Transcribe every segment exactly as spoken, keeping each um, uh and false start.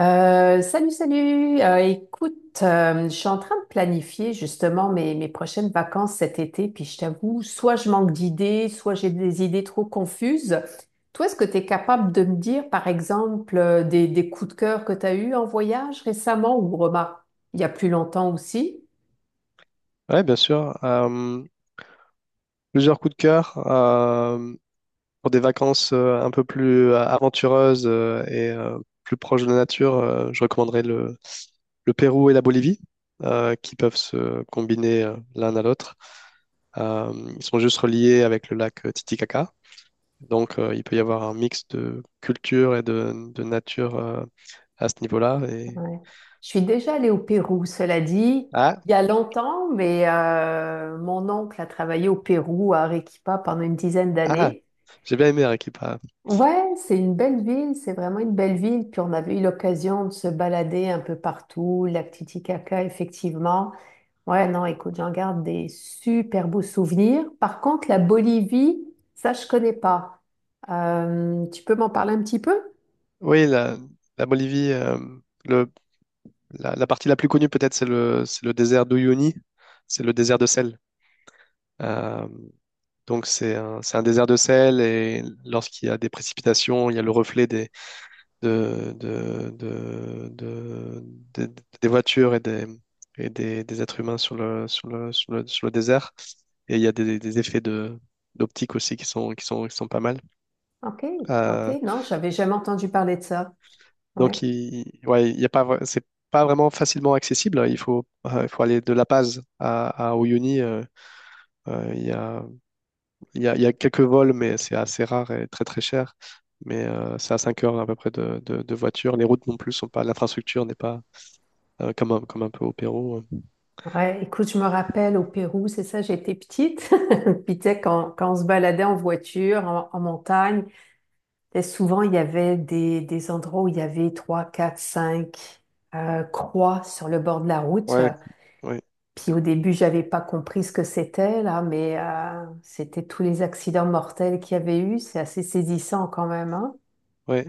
Euh, salut, salut. Euh, écoute, euh, je suis en train de planifier justement mes, mes prochaines vacances cet été, puis je t'avoue, soit je manque d'idées, soit j'ai des idées trop confuses. Toi, est-ce que tu es capable de me dire, par exemple, euh, des, des coups de cœur que tu as eus en voyage récemment ou remarque, il y a plus longtemps aussi? Ouais, bien sûr. Euh, plusieurs coups de cœur euh, pour des vacances euh, un peu plus euh, aventureuses euh, et euh, plus proches de la nature. Euh, je recommanderais le, le Pérou et la Bolivie, euh, qui peuvent se combiner euh, l'un à l'autre. Euh, Ils sont juste reliés avec le lac euh, Titicaca, donc euh, il peut y avoir un mix de culture et de, de nature euh, à ce niveau-là. Et... Ouais. Je suis déjà allée au Pérou, cela dit, Ah, il y a longtemps, mais euh, mon oncle a travaillé au Pérou, à Arequipa, pendant une dizaine ah, d'années. j'ai bien aimé Arequipa. Ouais, c'est une belle ville, c'est vraiment une belle ville. Puis on avait eu l'occasion de se balader un peu partout, lac Titicaca, effectivement. Ouais, non, écoute, j'en garde des super beaux souvenirs. Par contre, la Bolivie, ça, je connais pas. Euh, tu peux m'en parler un petit peu? Oui, la, la Bolivie. euh, le La, la partie la plus connue peut-être, c'est le, c'est le désert d'Uyuni, c'est le désert de sel. Euh, donc c'est un, c'est un désert de sel et lorsqu'il y a des précipitations, il y a le reflet des, de, de- de- de- de- des voitures et des, et des, des êtres humains sur le, sur le, sur le, sur le désert. Et il y a des, des effets de, d'optique aussi qui sont, qui sont, qui sont pas mal. Ok, ok, Euh, non, j'avais jamais entendu parler de ça. Ouais, donc il, ouais, il y a pas, vra- c'est pas vraiment facilement accessible. Il faut, euh, il faut aller de La Paz à, à Uyuni. euh, Euh, Il y a, il y a, il y a quelques vols, mais c'est assez rare et très très cher. Mais euh, c'est à cinq heures à peu près de, de, de voiture. Les routes non plus sont pas, l'infrastructure n'est pas euh, comme un, comme un peu au Pérou. ouais, écoute, je me rappelle au Pérou, c'est ça, j'étais petite. Puis tu sais, quand, quand on se baladait en voiture, en, en montagne. Et souvent, il y avait des, des endroits où il y avait trois, quatre, cinq euh, croix sur le bord de la route. Ouais, ouais, Puis au début, j'avais pas compris ce que c'était là, mais euh, c'était tous les accidents mortels qu'il y avait eu. C'est assez saisissant quand même, hein. ouais.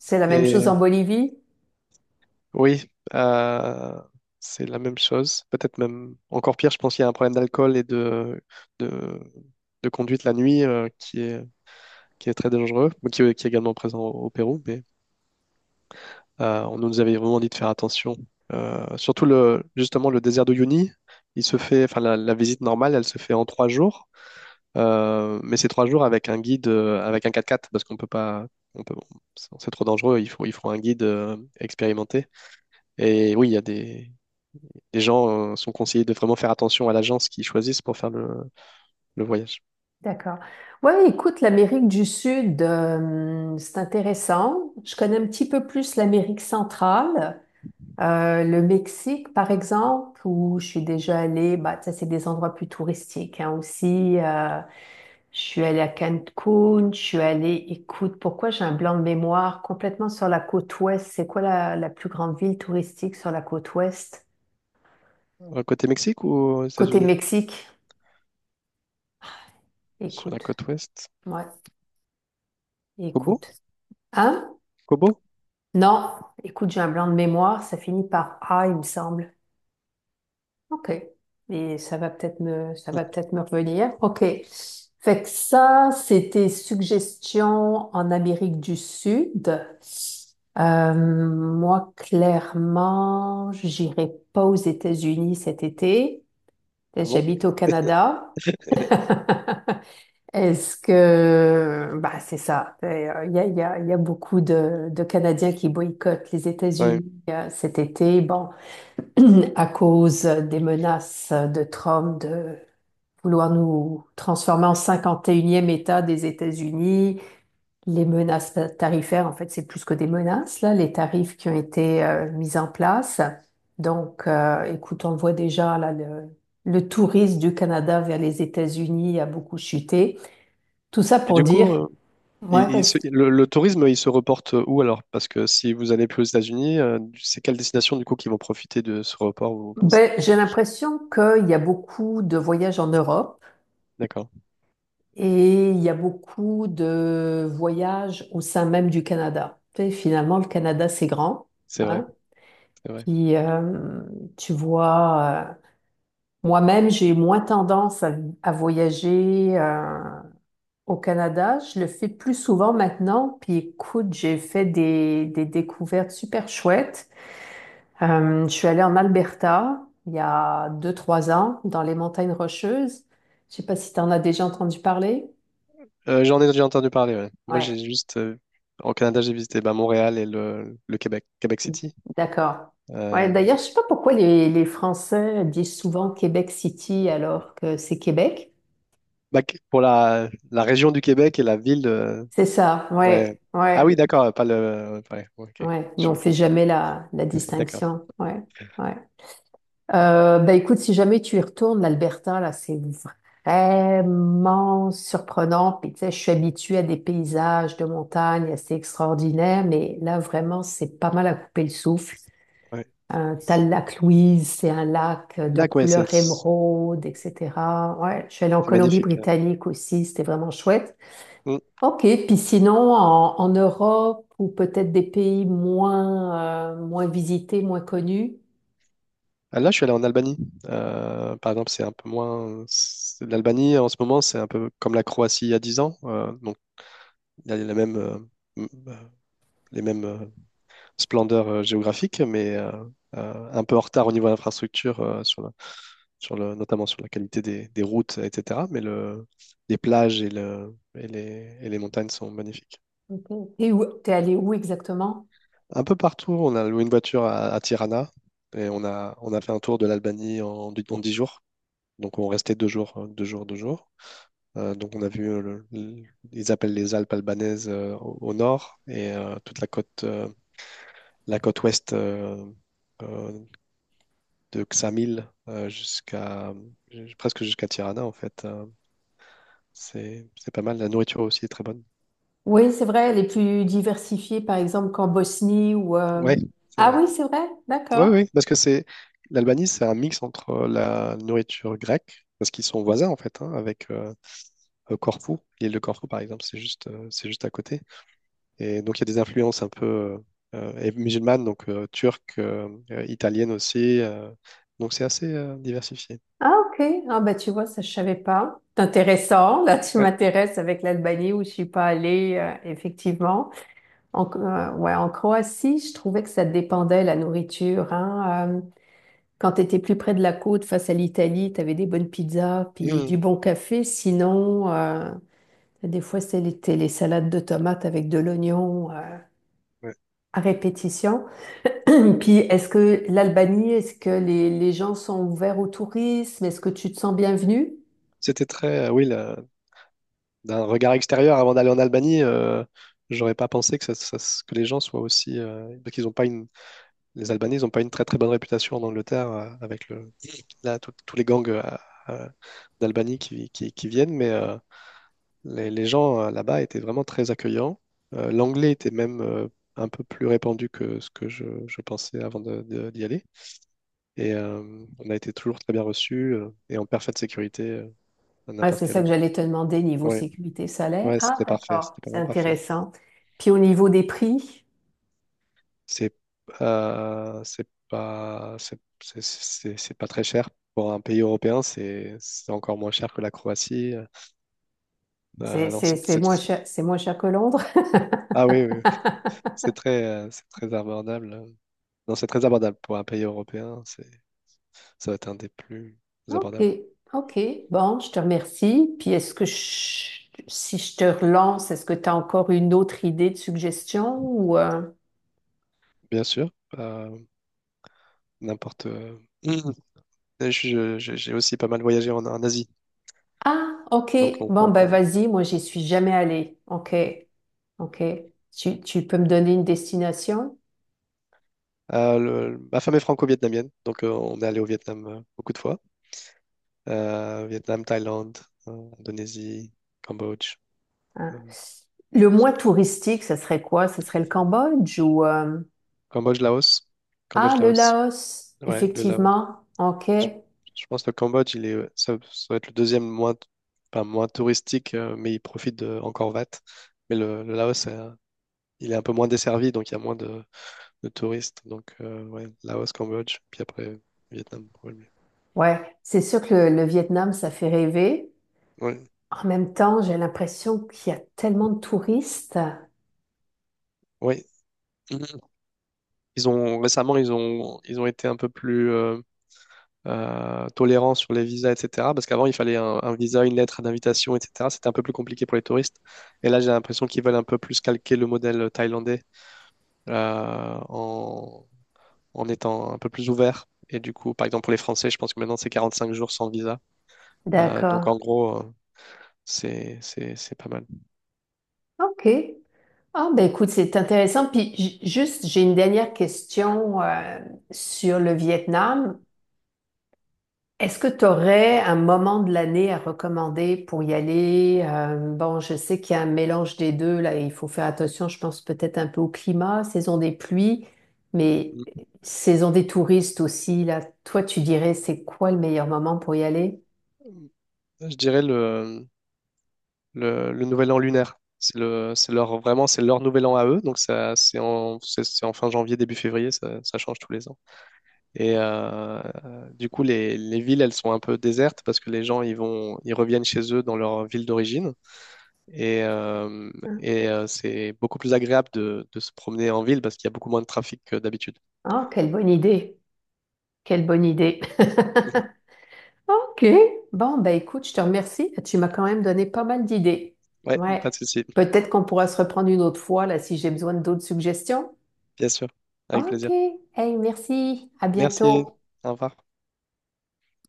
C'est la même chose en Et Bolivie. oui, euh, c'est la même chose. Peut-être même encore pire, je pense qu'il y a un problème d'alcool et de, de, de conduite la nuit euh, qui est, qui est très dangereux, mais qui, est qui est également présent au, au Pérou. Mais Euh, on nous avait vraiment dit de faire attention. Euh, surtout le, justement le désert de Uyuni, il se fait, enfin la, la visite normale, elle se fait en trois jours. Euh, mais c'est trois jours avec un guide, euh, avec un quatre-quatre parce qu'on peut pas, on peut, c'est trop dangereux. Il faut, il faut un guide euh, expérimenté. Et oui, il y a des, les gens euh, sont conseillés de vraiment faire attention à l'agence qu'ils choisissent pour faire le, le voyage. D'accord. Ouais, écoute, l'Amérique du Sud, euh, c'est intéressant. Je connais un petit peu plus l'Amérique centrale. Euh, le Mexique, par exemple, où je suis déjà allée, bah, ça, c'est des endroits plus touristiques, hein, aussi. Euh, je suis allée à Cancun, je suis allée, écoute, pourquoi j'ai un blanc de mémoire complètement sur la côte ouest? C'est quoi la, la plus grande ville touristique sur la côte ouest? Euh, Côté Mexique ou aux Côté États-Unis? Mexique, Sur la écoute, côte ouest? ouais, Cobo? écoute. Hein? Cobo? Non, écoute, j'ai un blanc de mémoire, ça finit par A, il me semble. Ok. Et ça va peut-être me, ça va peut-être me revenir. Ok. Fait que ça, c'était suggestions en Amérique du Sud. Euh, moi, clairement, j'irai pas aux États-Unis cet été. Ah bon? J'habite au Canada. Est-ce que, bah, c'est ça. Euh, Il y a, il y a, il y a beaucoup de, de Canadiens qui boycottent les Ouais. États-Unis euh, cet été. Bon, à cause des menaces de Trump de vouloir nous transformer en cinquante et unième État des États-Unis, les menaces tarifaires, en fait, c'est plus que des menaces, là, les tarifs qui ont été euh, mis en place. Donc, euh, écoute, on le voit déjà, là, le, le tourisme du Canada vers les États-Unis a beaucoup chuté. Tout ça Et pour du dire, coup. euh, ouais, Il- il vas-y. se- le, le tourisme, il se reporte où alors? Parce que si vous allez plus aux États-Unis, euh, c'est quelle destination du coup qui vont profiter de ce report, vous pensez? Ben, j'ai l'impression qu'il y a beaucoup de voyages en Europe D'accord, et il y a beaucoup de voyages au sein même du Canada. Tu sais, finalement, le Canada, c'est grand, c'est vrai, hein. c'est vrai. Puis, euh, tu vois, euh, moi-même, j'ai moins tendance à, à voyager euh, au Canada. Je le fais plus souvent maintenant. Puis, écoute, j'ai fait des, des découvertes super chouettes. Euh, je suis allée en Alberta il y a deux, trois ans, dans les montagnes Rocheuses. Je sais pas si tu en as déjà entendu parler. Euh, j'en ai déjà entendu parler, ouais. Moi, Ouais, j'ai juste, euh, au Canada, j'ai visité bah, Montréal et le, le Québec, Québec City. d'accord. Ouais, Euh, d'ailleurs, je sais pas pourquoi les, les Français disent souvent Québec City alors que c'est Québec. bah, qu- pour la, la région du Québec et la ville, euh, C'est ça, ouais. ouais, Ah ouais, oui, d'accord, pas le, ouais, ok, ouais. Nous, je on fait comprends. jamais la, la D'accord, distinction, ouais, ouais. Euh, bah écoute, si jamais tu y retournes, l'Alberta, là, c'est vraiment surprenant. Puis tu sais, je suis habituée à des paysages de montagne assez extraordinaires, mais là, vraiment, c'est pas mal à couper le souffle. ouais. Euh, t'as le lac Louise, c'est un lac de Lac, ouais, c'est couleur c'est émeraude, et cétéra. Ouais, je suis allée en magnifique. Là. Colombie-Britannique aussi, c'était vraiment chouette. Hmm. Ok, puis sinon, en, en Europe ou peut-être des pays moins, euh, moins visités, moins connus. Ah, là, je suis allé en Albanie. Euh, par exemple, c'est un peu moins. C'est- L'Albanie, en ce moment, c'est un peu comme la Croatie il y a dix ans. Euh, donc, il y a les mêmes, euh, m- euh, les mêmes euh, splendeurs euh, géographiques, mais euh, euh, un peu en retard au niveau infrastructure, euh, sur la- sur le, notamment sur la qualité des, des routes, et cetera. Mais le, les plages et, le, et, les, et les montagnes sont magnifiques. Mhm. Et où, t'es allé où exactement? Un peu partout, on a loué une voiture à, à Tirana et on a, on a fait un tour de l'Albanie en, en dix jours. Donc, on restait deux jours, euh, deux jours, deux jours. Euh, donc on a vu, euh, le- le- ils appellent les Alpes albanaises euh, au, au nord et euh, toute la côte, euh, la côte ouest euh, euh, de Ksamil euh, jusqu'à ju- presque jusqu'à Tirana en fait. Euh, c'est c'est pas mal. La nourriture aussi est très bonne. Oui, c'est vrai, les plus diversifiés, par exemple, qu'en Bosnie ou euh, Ouais, c'est Ah vrai. oui, c'est vrai, Ouais, d'accord. oui, parce que c'est l'Albanie, c'est un mix entre euh, la nourriture grecque parce qu'ils sont voisins en fait hein, avec euh, euh, Corfou, l'île de Corfou par exemple, c'est juste euh, c'est juste à côté. Et donc, il y a des influences un peu euh, musulmanes, donc euh, turques, euh, euh, italiennes aussi. Euh, donc, c'est assez euh, diversifié. Ah ok, ah bah tu vois, ça je savais pas. C'est intéressant, là tu Ouais. m'intéresses avec l'Albanie où je suis pas allée, euh, effectivement. En, euh, ouais, en Croatie, je trouvais que ça dépendait la nourriture, hein. euh, Quand tu étais plus près de la côte, face à l'Italie, tu avais des bonnes pizzas, puis Mmh. du bon café. Sinon, euh, des fois, c'était les salades de tomates avec de l'oignon euh, Ouais. à répétition. Puis, est-ce que l'Albanie, est-ce que les, les gens sont ouverts au tourisme? Est-ce que tu te sens bienvenue? C'était très, euh, oui, la- d'un regard extérieur avant d'aller en Albanie, euh, j'aurais pas pensé que, ça- ça- que les gens soient aussi. Euh, parce qu'ils ont pas une, les Albanais, ils n'ont pas une très très bonne réputation en Angleterre euh, avec le, là, tout- tous les gangs euh, euh, d'Albanie qui, qui, qui viennent, mais. Euh, Les, les gens euh, là-bas étaient vraiment très accueillants. Euh, l'anglais était même euh, un peu plus répandu que ce que je, je pensais avant de- de- d'y aller. Et euh, on a été toujours très bien reçus euh, et en parfaite sécurité euh, à Ouais, n'importe c'est quelle ça que heure. j'allais te demander, niveau Ouais, sécurité salaire. ouais, Ah, c'était parfait. d'accord, C'était c'est vraiment parfait. intéressant. Puis au niveau des prix, C'est euh, c'est pas c'est c'est- c'est- C'est pas très cher. Pour un pays européen, c'est c'est encore moins cher que la Croatie. c'est Euh, non, c'est- c'est, c'est c'est- moins cher, c'est moins cher que Londres. Ah oui, oui, oui. C'est très, euh, c'est très abordable. Non, c'est très abordable pour un pays européen. C'est Ça va être un des plus OK. abordables. OK. Bon, je te remercie. Puis est-ce que je- si je te relance, est-ce que tu as encore une autre idée de suggestion ou euh, Bien sûr, euh, n'importe. euh, Mhm. je- je- J'ai aussi pas mal voyagé en, en Asie, Ah, OK. donc on peut Bon, en ben parler. vas-y, moi j'y suis jamais allée. OK. OK. Tu, tu peux me donner une destination? Euh, le- ma femme est franco-vietnamienne, donc euh, on est allé au Vietnam euh, beaucoup de fois. Euh, Vietnam, Thaïlande, euh, Indonésie, Cambodge, Hein. euh, Le ça- moins touristique, ça serait quoi? Ce serait le Cambodge ou euh, Cambodge, Laos, Ah, Cambodge, le Laos. Laos, Ouais, le Laos. effectivement. OK. Je, je pense que le Cambodge, il est, euh, ça, ça va être le deuxième moins, enfin, moins touristique, euh, mais il profite de Angkor Wat. Mais le, le Laos, il est un peu moins desservi, donc il y a moins de, de touristes. Donc, euh, ouais, Laos, Cambodge, puis après Vietnam, probablement. Ouais, c'est sûr que le, le Vietnam, ça fait rêver. Ouais, En même temps, j'ai l'impression qu'il y a tellement de touristes. ouais. Ils ont récemment, ils ont, ils ont été un peu plus euh, euh, tolérants sur les visas, et cetera. Parce qu'avant, il fallait un, un visa, une lettre d'invitation, et cetera. C'était un peu plus compliqué pour les touristes. Et là, j'ai l'impression qu'ils veulent un peu plus calquer le modèle thaïlandais euh, en, en étant un peu plus ouvert. Et du coup, par exemple, pour les Français, je pense que maintenant, c'est quarante-cinq jours sans visa. Euh, donc, D'accord. en gros, euh, c'est, c'est, c'est pas mal. OK. Ah, ben écoute, c'est intéressant. Puis ju- juste, j'ai une dernière question euh, sur le Vietnam. Est-ce que tu aurais un moment de l'année à recommander pour y aller? Euh, bon, je sais qu'il y a un mélange des deux, là, il faut faire attention, je pense peut-être un peu au climat, saison des pluies, mais saison des touristes aussi, là. Toi, tu dirais, c'est quoi le meilleur moment pour y aller? Je dirais le, le, le nouvel an lunaire. C'est le, c'est leur, vraiment, c'est leur nouvel an à eux. Donc, ça, c'est en, c'est c'est en fin janvier, début février, ça, ça change tous les ans. Et euh, du coup, les, les villes, elles sont un peu désertes parce que les gens, ils vont, ils reviennent chez eux dans leur ville d'origine. Et, euh, et euh, c'est beaucoup plus agréable de, de se promener en ville parce qu'il y a beaucoup moins de trafic que d'habitude. Ah, quelle bonne idée! Quelle bonne idée. OK. Bon, ben écoute, je te remercie. Tu m'as quand même donné pas mal d'idées. Ouais, pas de Ouais. souci, Peut-être qu'on pourra se reprendre une autre fois là si j'ai besoin d'autres suggestions. bien sûr. Avec OK. plaisir. Hey, merci. À Merci. bientôt. Au revoir.